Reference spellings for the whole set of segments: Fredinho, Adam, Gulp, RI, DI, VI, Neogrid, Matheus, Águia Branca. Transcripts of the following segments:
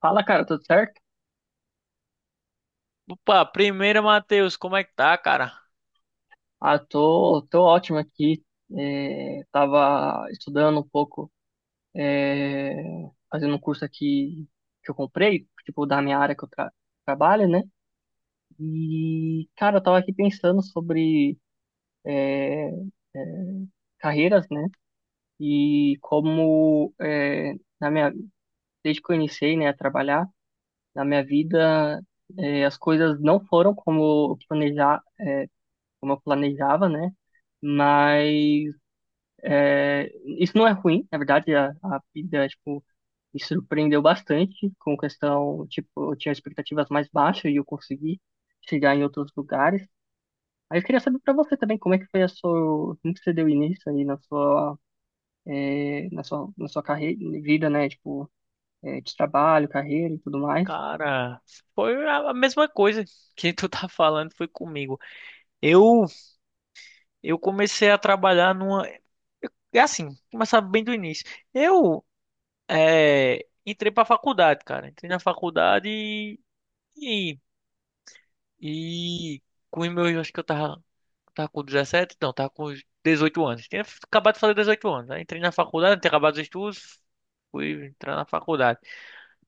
Fala, cara, tudo certo? Opa, primeiro, Matheus, como é que tá, cara? Ah, tô ótimo aqui. Tava estudando um pouco, é, fazendo um curso aqui que eu comprei, tipo, da minha área que eu tra trabalho, né? E, cara, eu tava aqui pensando sobre é, é, carreiras, né? E como, na minha, desde que eu iniciei, né, a trabalhar, na minha vida, as coisas não foram como eu planejava, né? Mas é, isso não é ruim, na verdade, a vida, tipo, me surpreendeu bastante com questão, tipo, eu tinha expectativas mais baixas e eu consegui chegar em outros lugares. Aí eu queria saber para você também como é que foi a sua, como que você deu início aí na sua, na sua carreira, vida, né? Tipo, de trabalho, carreira e tudo mais, Cara, foi a mesma coisa que tu tá falando, foi comigo. Eu eu comecei a trabalhar numa, é assim, começar bem do início. Eu Entrei pra faculdade, cara. Entrei na faculdade e, e com os meus, acho que eu tava com 17, não, tava com uns 18 anos. Tinha acabado de fazer 18 anos. Aí entrei na faculdade, tinha acabado os estudos, fui entrar na faculdade.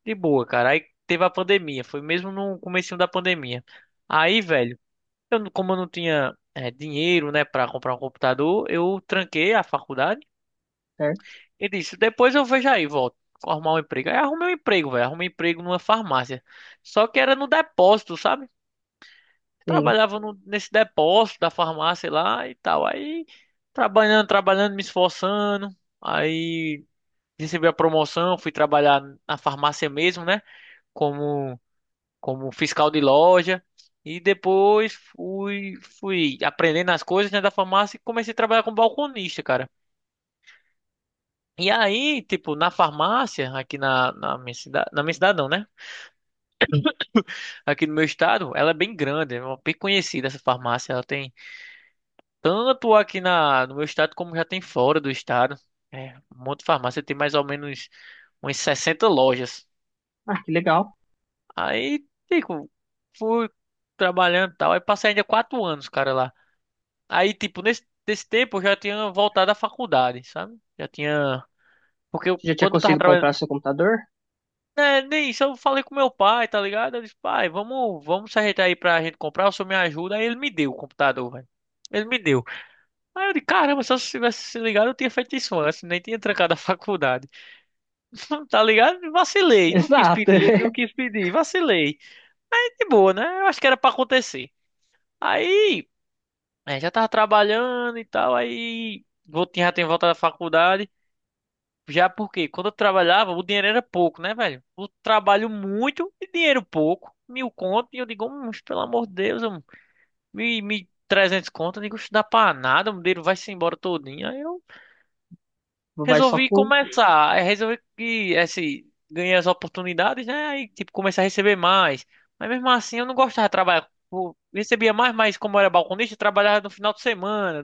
De boa, cara. Aí teve a pandemia. Foi mesmo no comecinho da pandemia. Aí, velho, eu, não- como eu não tinha dinheiro, né, pra comprar um computador, eu tranquei a faculdade certo? e disse, depois eu vejo aí, volto. Arrumar um emprego. Aí arrumei um emprego, velho. Arrumei um emprego numa farmácia. Só que era no depósito, sabe? Sim. Trabalhava nesse depósito da farmácia lá e tal. Aí, trabalhando, trabalhando, me esforçando. Aí, recebi a promoção, fui trabalhar na farmácia mesmo, né? Como como fiscal de loja. E depois fui aprendendo as coisas, né, da farmácia e comecei a trabalhar como balconista, cara. E aí, tipo, na farmácia, aqui na minha cidade, na minha cidade não, né? Aqui no meu estado, ela é bem grande, é bem conhecida essa farmácia. Ela tem tanto aqui no meu estado como já tem fora do estado. É, um monte de farmácia, tem mais ou menos umas 60 lojas. Ah, que legal. Aí, tipo, fui trabalhando e tal. Aí passei ainda 4 anos, cara, lá. Aí, tipo, nesse tempo eu já tinha voltado à faculdade, sabe? Já tinha. Porque eu, Você já tinha quando eu tava conseguido trabalhando. comprar seu computador? É, nem isso, eu falei com meu pai, tá ligado? Eu disse, pai, vamos, vamos se ajeitar aí pra gente comprar, o senhor me ajuda. Aí ele me deu o computador, velho. Ele me deu. Aí eu disse, caramba, se eu tivesse se ligado, eu tinha feito isso antes, nem tinha trancado a faculdade. Tá ligado? Vacilei, não quis Exato. pedir, não quis pedir, vacilei. Aí de boa, né? Eu acho que era pra acontecer. Aí, já tava trabalhando e tal, aí. Já tinha voltado da faculdade. Já porque quando eu trabalhava, o dinheiro era pouco, né, velho? Eu trabalho muito e dinheiro pouco. Mil conto, e eu digo, pelo amor de Deus, mil e trezentos conto, eu digo, isso dá pra nada, o dinheiro vai-se embora todinho. Aí eu Vai só resolvi com... começar, aí resolvi que, ganhei as oportunidades, né, aí, tipo, comecei a receber mais. Mas mesmo assim, eu não gostava de trabalhar. Eu recebia mais, mas como eu era balconista, eu trabalhava no final de semana,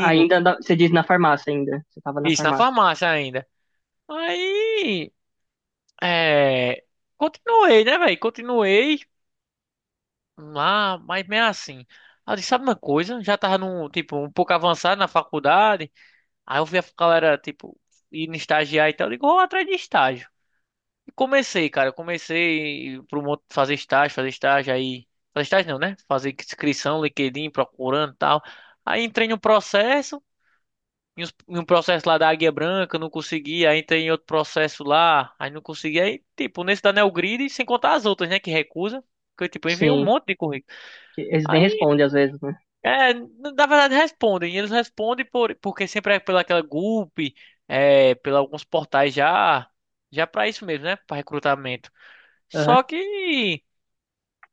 Você diz na farmácia ainda. Você tava na isso, na farmácia. farmácia ainda. Aí. É, continuei, né, velho? Continuei lá, mas mesmo assim. Aí eu disse, sabe uma coisa? Já tava num, tipo, um pouco avançado na faculdade. Aí eu vi a galera, tipo, indo estagiar e tal. Eu digo, vou atrás de estágio. E comecei, cara. Eu comecei pro monte fazer estágio aí. Fazer estágio não, né? Fazer inscrição, LinkedIn, procurando e tal. Aí entrei no processo. Em um processo lá da Águia Branca, não consegui. Aí tem outro processo lá, aí não consegui. Aí, tipo, nesse da Neogrid, sem contar as outras, né, que recusa. Porque, tipo, eu enviei um Sim, monte de currículo. que eles nem Aí, respondem às vezes, né? Na verdade, respondem. Eles respondem porque sempre é pela aquela Gulp, pela alguns portais já, já pra isso mesmo, né, pra recrutamento. Aham. Só que,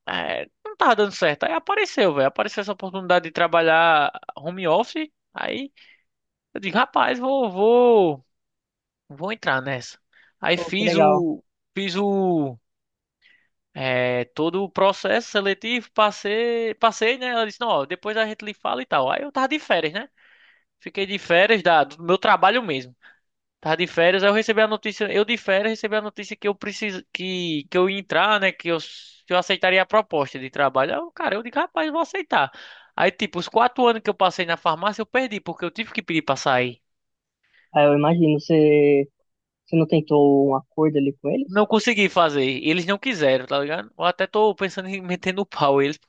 não tava dando certo. Aí apareceu, velho, apareceu essa oportunidade de trabalhar home office. Aí, eu digo, rapaz, vou. Vou entrar nessa. Aí Pô, que fiz legal. o, fiz o, é, todo o processo seletivo, passei, passei, né? Ela disse, não, ó, depois a gente lhe fala e tal. Aí eu tava de férias, né? Fiquei de férias do meu trabalho mesmo. Tava de férias, aí eu recebi a notícia, eu de férias recebi a notícia que eu preciso, que eu ia entrar, né? Que eu aceitaria a proposta de trabalho. Aí eu, cara, eu digo, rapaz, eu vou aceitar. Aí, tipo, os 4 anos que eu passei na farmácia, eu perdi, porque eu tive que pedir pra sair. Ah, eu imagino, você, você não tentou um acordo ali com Não eles? consegui fazer. Eles não quiseram, tá ligado? Eu até tô pensando em meter no pau eles.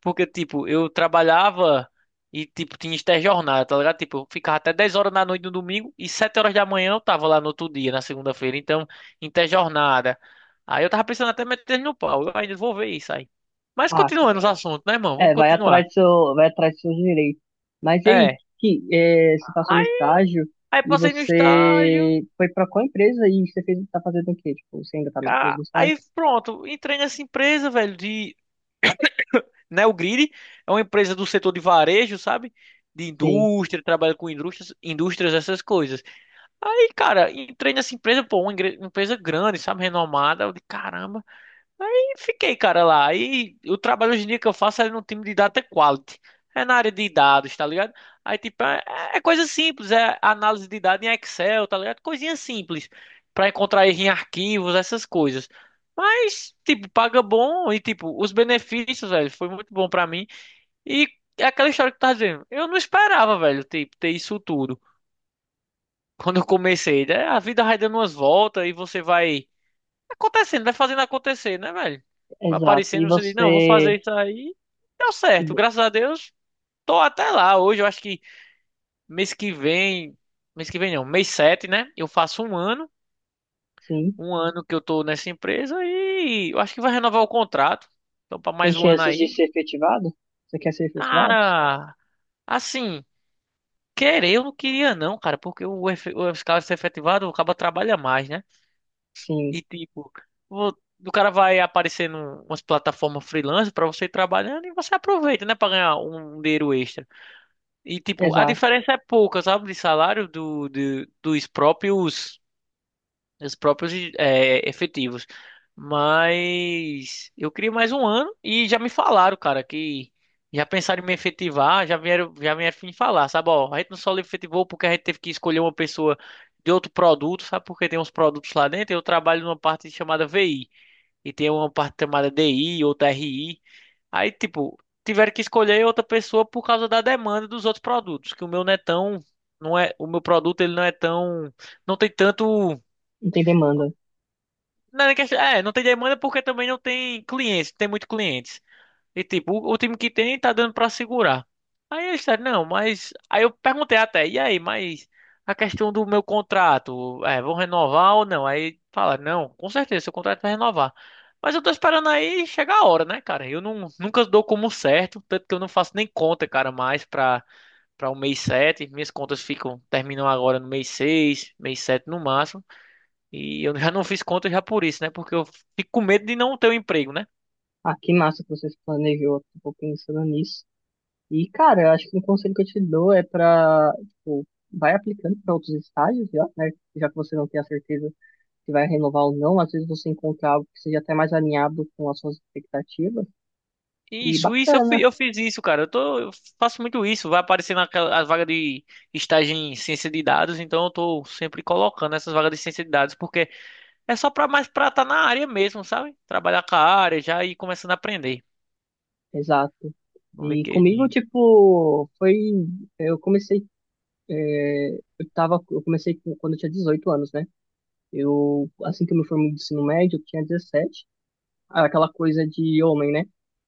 Porque, tipo, eu trabalhava e, tipo, tinha interjornada, tá ligado? Tipo, eu ficava até 10 horas da noite no domingo e 7 horas da manhã eu tava lá no outro dia, na segunda-feira. Então, interjornada. Aí eu tava pensando até meter eles no pau. Eu ainda vou ver isso aí. Mas Ah, continuando os assuntos, né, irmão? Vamos é, vai atrás continuar. do seu, vai atrás dos seus direitos. Mas e aí, É. Você passou no Aí, estágio aí, e passei no estágio. você foi pra qual empresa e você fez, tá fazendo o quê? Tipo, você ainda tá no mesmo estágio? Aí pronto, entrei nessa empresa, velho, de Neogrid, é uma empresa do setor de varejo, sabe? De Sim, indústria, trabalha com indústrias, indústrias, essas coisas. Aí, cara, entrei nessa empresa, pô, uma empresa grande, sabe? Renomada. Eu de caramba. Aí fiquei, cara, lá. Aí o trabalho hoje em dia que eu faço é no time de data quality. É na área de dados, tá ligado? Aí, tipo, é coisa simples, é análise de dados em Excel, tá ligado? Coisinha simples. Pra encontrar erro em arquivos, essas coisas. Mas, tipo, paga bom e, tipo, os benefícios, velho, foi muito bom pra mim. E é aquela história que tu tá dizendo. Eu não esperava, velho, tipo, ter isso tudo. Quando eu comecei, né? A vida vai dando umas voltas e você vai acontecendo, vai fazendo acontecer, né, velho? Vai exato. E aparecendo, você diz, não, vou você, fazer isso aí. Deu e certo, vo- graças a Deus, tô até lá. Hoje eu acho que mês que vem, mês que vem não, mês 7, né? Eu faço sim, um ano que eu tô nessa empresa e eu acho que vai renovar o contrato. Então, pra tem mais um ano chances de aí. ser efetivado? Você quer ser efetivado? Cara, assim, querer eu não queria não, cara, porque o escala ser efetivado, acaba trabalha mais, né? Sim. E tipo, vo- o cara vai aparecendo umas plataformas freelance pra você ir trabalhando e você aproveita, né, pra ganhar um dinheiro extra. E tipo, a Exato, diferença é pouca, sabe, de salário dos próprios efetivos. Mas eu queria mais um ano e já me falaram, cara, que já pensaram em me efetivar, já vieram me falar, sabe, ó, a gente não só lhe efetivou porque a gente teve que escolher uma pessoa de outro produto, sabe? Porque tem uns produtos lá dentro. Eu trabalho numa parte chamada VI e tem uma parte chamada DI, outra RI. Aí, tipo, tiveram que escolher outra pessoa por causa da demanda dos outros produtos, que o meu não é tão, não é, o meu produto ele não é tão, não tem tanto, não tem demanda. não é, nem não tem demanda porque também não tem clientes, não tem muito cliente. E tipo, o time que tem tá dando pra segurar. Aí eles disseram, não, mas. Aí eu perguntei até, e aí, mas a questão do meu contrato, vão renovar ou não? Aí falaram, não, com certeza, seu contrato vai renovar. Mas eu tô esperando aí chegar a hora, né, cara? Eu não, nunca dou como certo, tanto que eu não faço nem conta, cara, mais pra o mês 7, minhas contas ficam, terminam agora no mês 6, mês 7 no máximo. E eu já não fiz conta já por isso, né? Porque eu fico com medo de não ter um emprego, né? Ah, que massa que você planejou, tipo, pensando nisso. E, cara, eu acho que um conselho que eu te dou é pra, tipo, vai aplicando para outros estágios, já, né? Já que você não tem a certeza se vai renovar ou não, às vezes você encontra algo que seja até mais alinhado com as suas expectativas. E Isso, eu, bacana, eu fiz isso, cara. Eu faço muito isso. Vai aparecer naquela a vaga de estágio em ciência de dados, então eu tô sempre colocando essas vagas de ciência de dados, porque é só pra mais pra estar tá na área mesmo, sabe? Trabalhar com a área, já ir começando a aprender exato. no E comigo, LinkedIn. tipo, foi. Eu comecei. é, eu tava, quando eu tinha 18 anos, né? Eu, assim que eu me formei do ensino médio, eu tinha dezessete. Ah, aquela coisa de homem, né?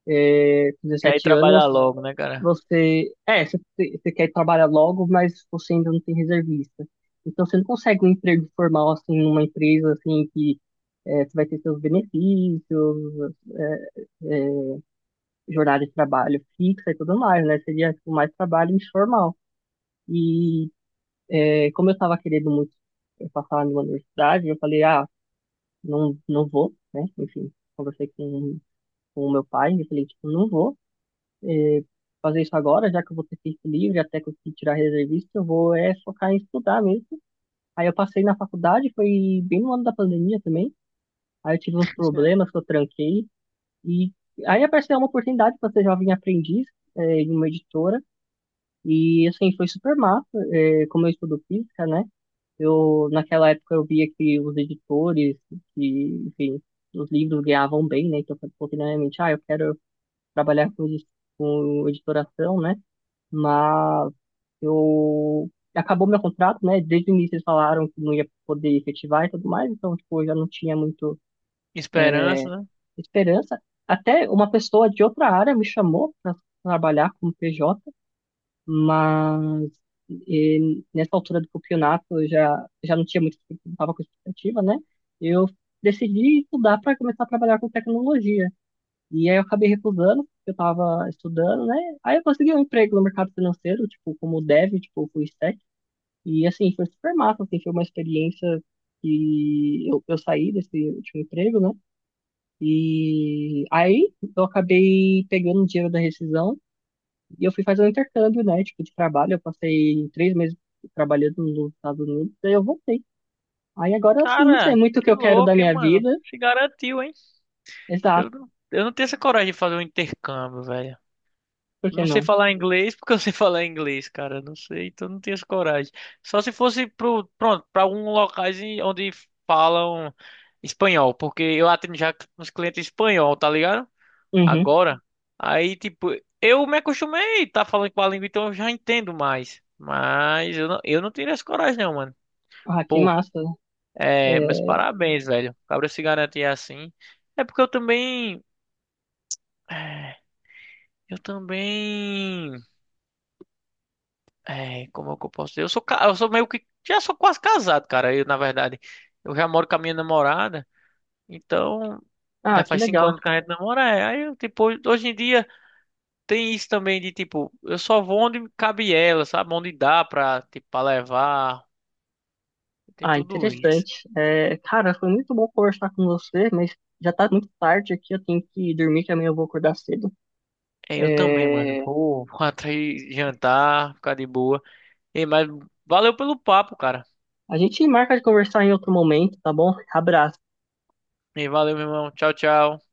É, Já ir 17 trabalhar anos, logo, né, cara? você. É, você, você quer trabalhar logo, mas você ainda não tem reservista. Então você não consegue um emprego formal assim numa empresa assim que você vai ter seus benefícios, é, é, jornada de trabalho fixa e tudo mais, né? Seria tipo, mais trabalho informal. E como eu estava querendo muito passar numa universidade, eu falei, ah, não, não vou, né? Enfim, conversei com o meu pai, eu falei, tipo, não vou eh, fazer isso agora, já que eu vou ter tempo livre, até conseguir tirar reservista, eu vou é focar em estudar mesmo. Aí eu passei na faculdade, foi bem no ano da pandemia também, aí eu tive uns problemas que eu tranquei, e aí apareceu uma oportunidade para ser jovem aprendiz em uma editora, e assim, foi super massa, como eu estudo física, né? Eu, naquela época eu via que os editores, que, enfim, os livros ganhavam bem, né? Então eu falei, pô, que, né, ah, eu quero trabalhar com editoração, né? Mas eu acabou meu contrato, né? Desde o início eles falaram que não ia poder efetivar e tudo mais, então tipo, eu já não tinha muito Esperança, é, né? esperança. Até uma pessoa de outra área me chamou para trabalhar como PJ, mas e nessa altura do campeonato eu já não tinha muito, não estava com expectativa, né? Eu decidi estudar para começar a trabalhar com tecnologia. E aí eu acabei recusando, porque eu tava estudando, né? Aí eu consegui um emprego no mercado financeiro, tipo, como dev, tipo, full stack. E assim, foi super massa, assim, foi uma experiência que eu saí desse último emprego, né? E aí eu acabei pegando o dinheiro da rescisão e eu fui fazer um intercâmbio, né? Tipo, de trabalho. Eu passei 3 meses trabalhando nos Estados Unidos, daí eu voltei. Aí agora assim não sei Cara, muito o que que eu quero da louco, hein, minha mano? vida. Se garantiu, hein? Exato, Eu não tenho essa coragem de fazer um intercâmbio, velho. por que Não sei não? falar inglês porque eu sei falar inglês, cara. Não sei, então não tenho essa coragem. Só se fosse pronto, para alguns locais onde falam espanhol, porque eu atendo já uns clientes espanhol, tá ligado? Uhum. Agora, aí tipo, eu me acostumei tá falando com a língua, então eu já entendo mais. Mas eu não, teria essa coragem, não, mano. Ah, que Pô, massa. Meus É... parabéns, velho. O Cabra se garantir assim. É porque eu eh, também. É, como é que eu posso dizer? Eu sou meio que. Já sou quase casado, cara. Eu, na verdade, eu já moro com a minha namorada. Então, Ah, já que faz cinco legal. anos que a gente namora. É. Aí, eu, tipo, hoje em dia tem isso também de, tipo, eu só vou onde cabe ela, sabe? Onde dá pra, tipo, pra levar. Tem Ah, tudo isso. interessante. É, cara, foi muito bom conversar com você, mas já tá muito tarde aqui, eu tenho que dormir, que amanhã eu vou acordar cedo. É, eu também, mano. É, Vou atrás jantar, ficar de boa. E, mas valeu pelo papo, cara. a gente marca de conversar em outro momento, tá bom? Abraço. E valeu, meu irmão. Tchau, tchau.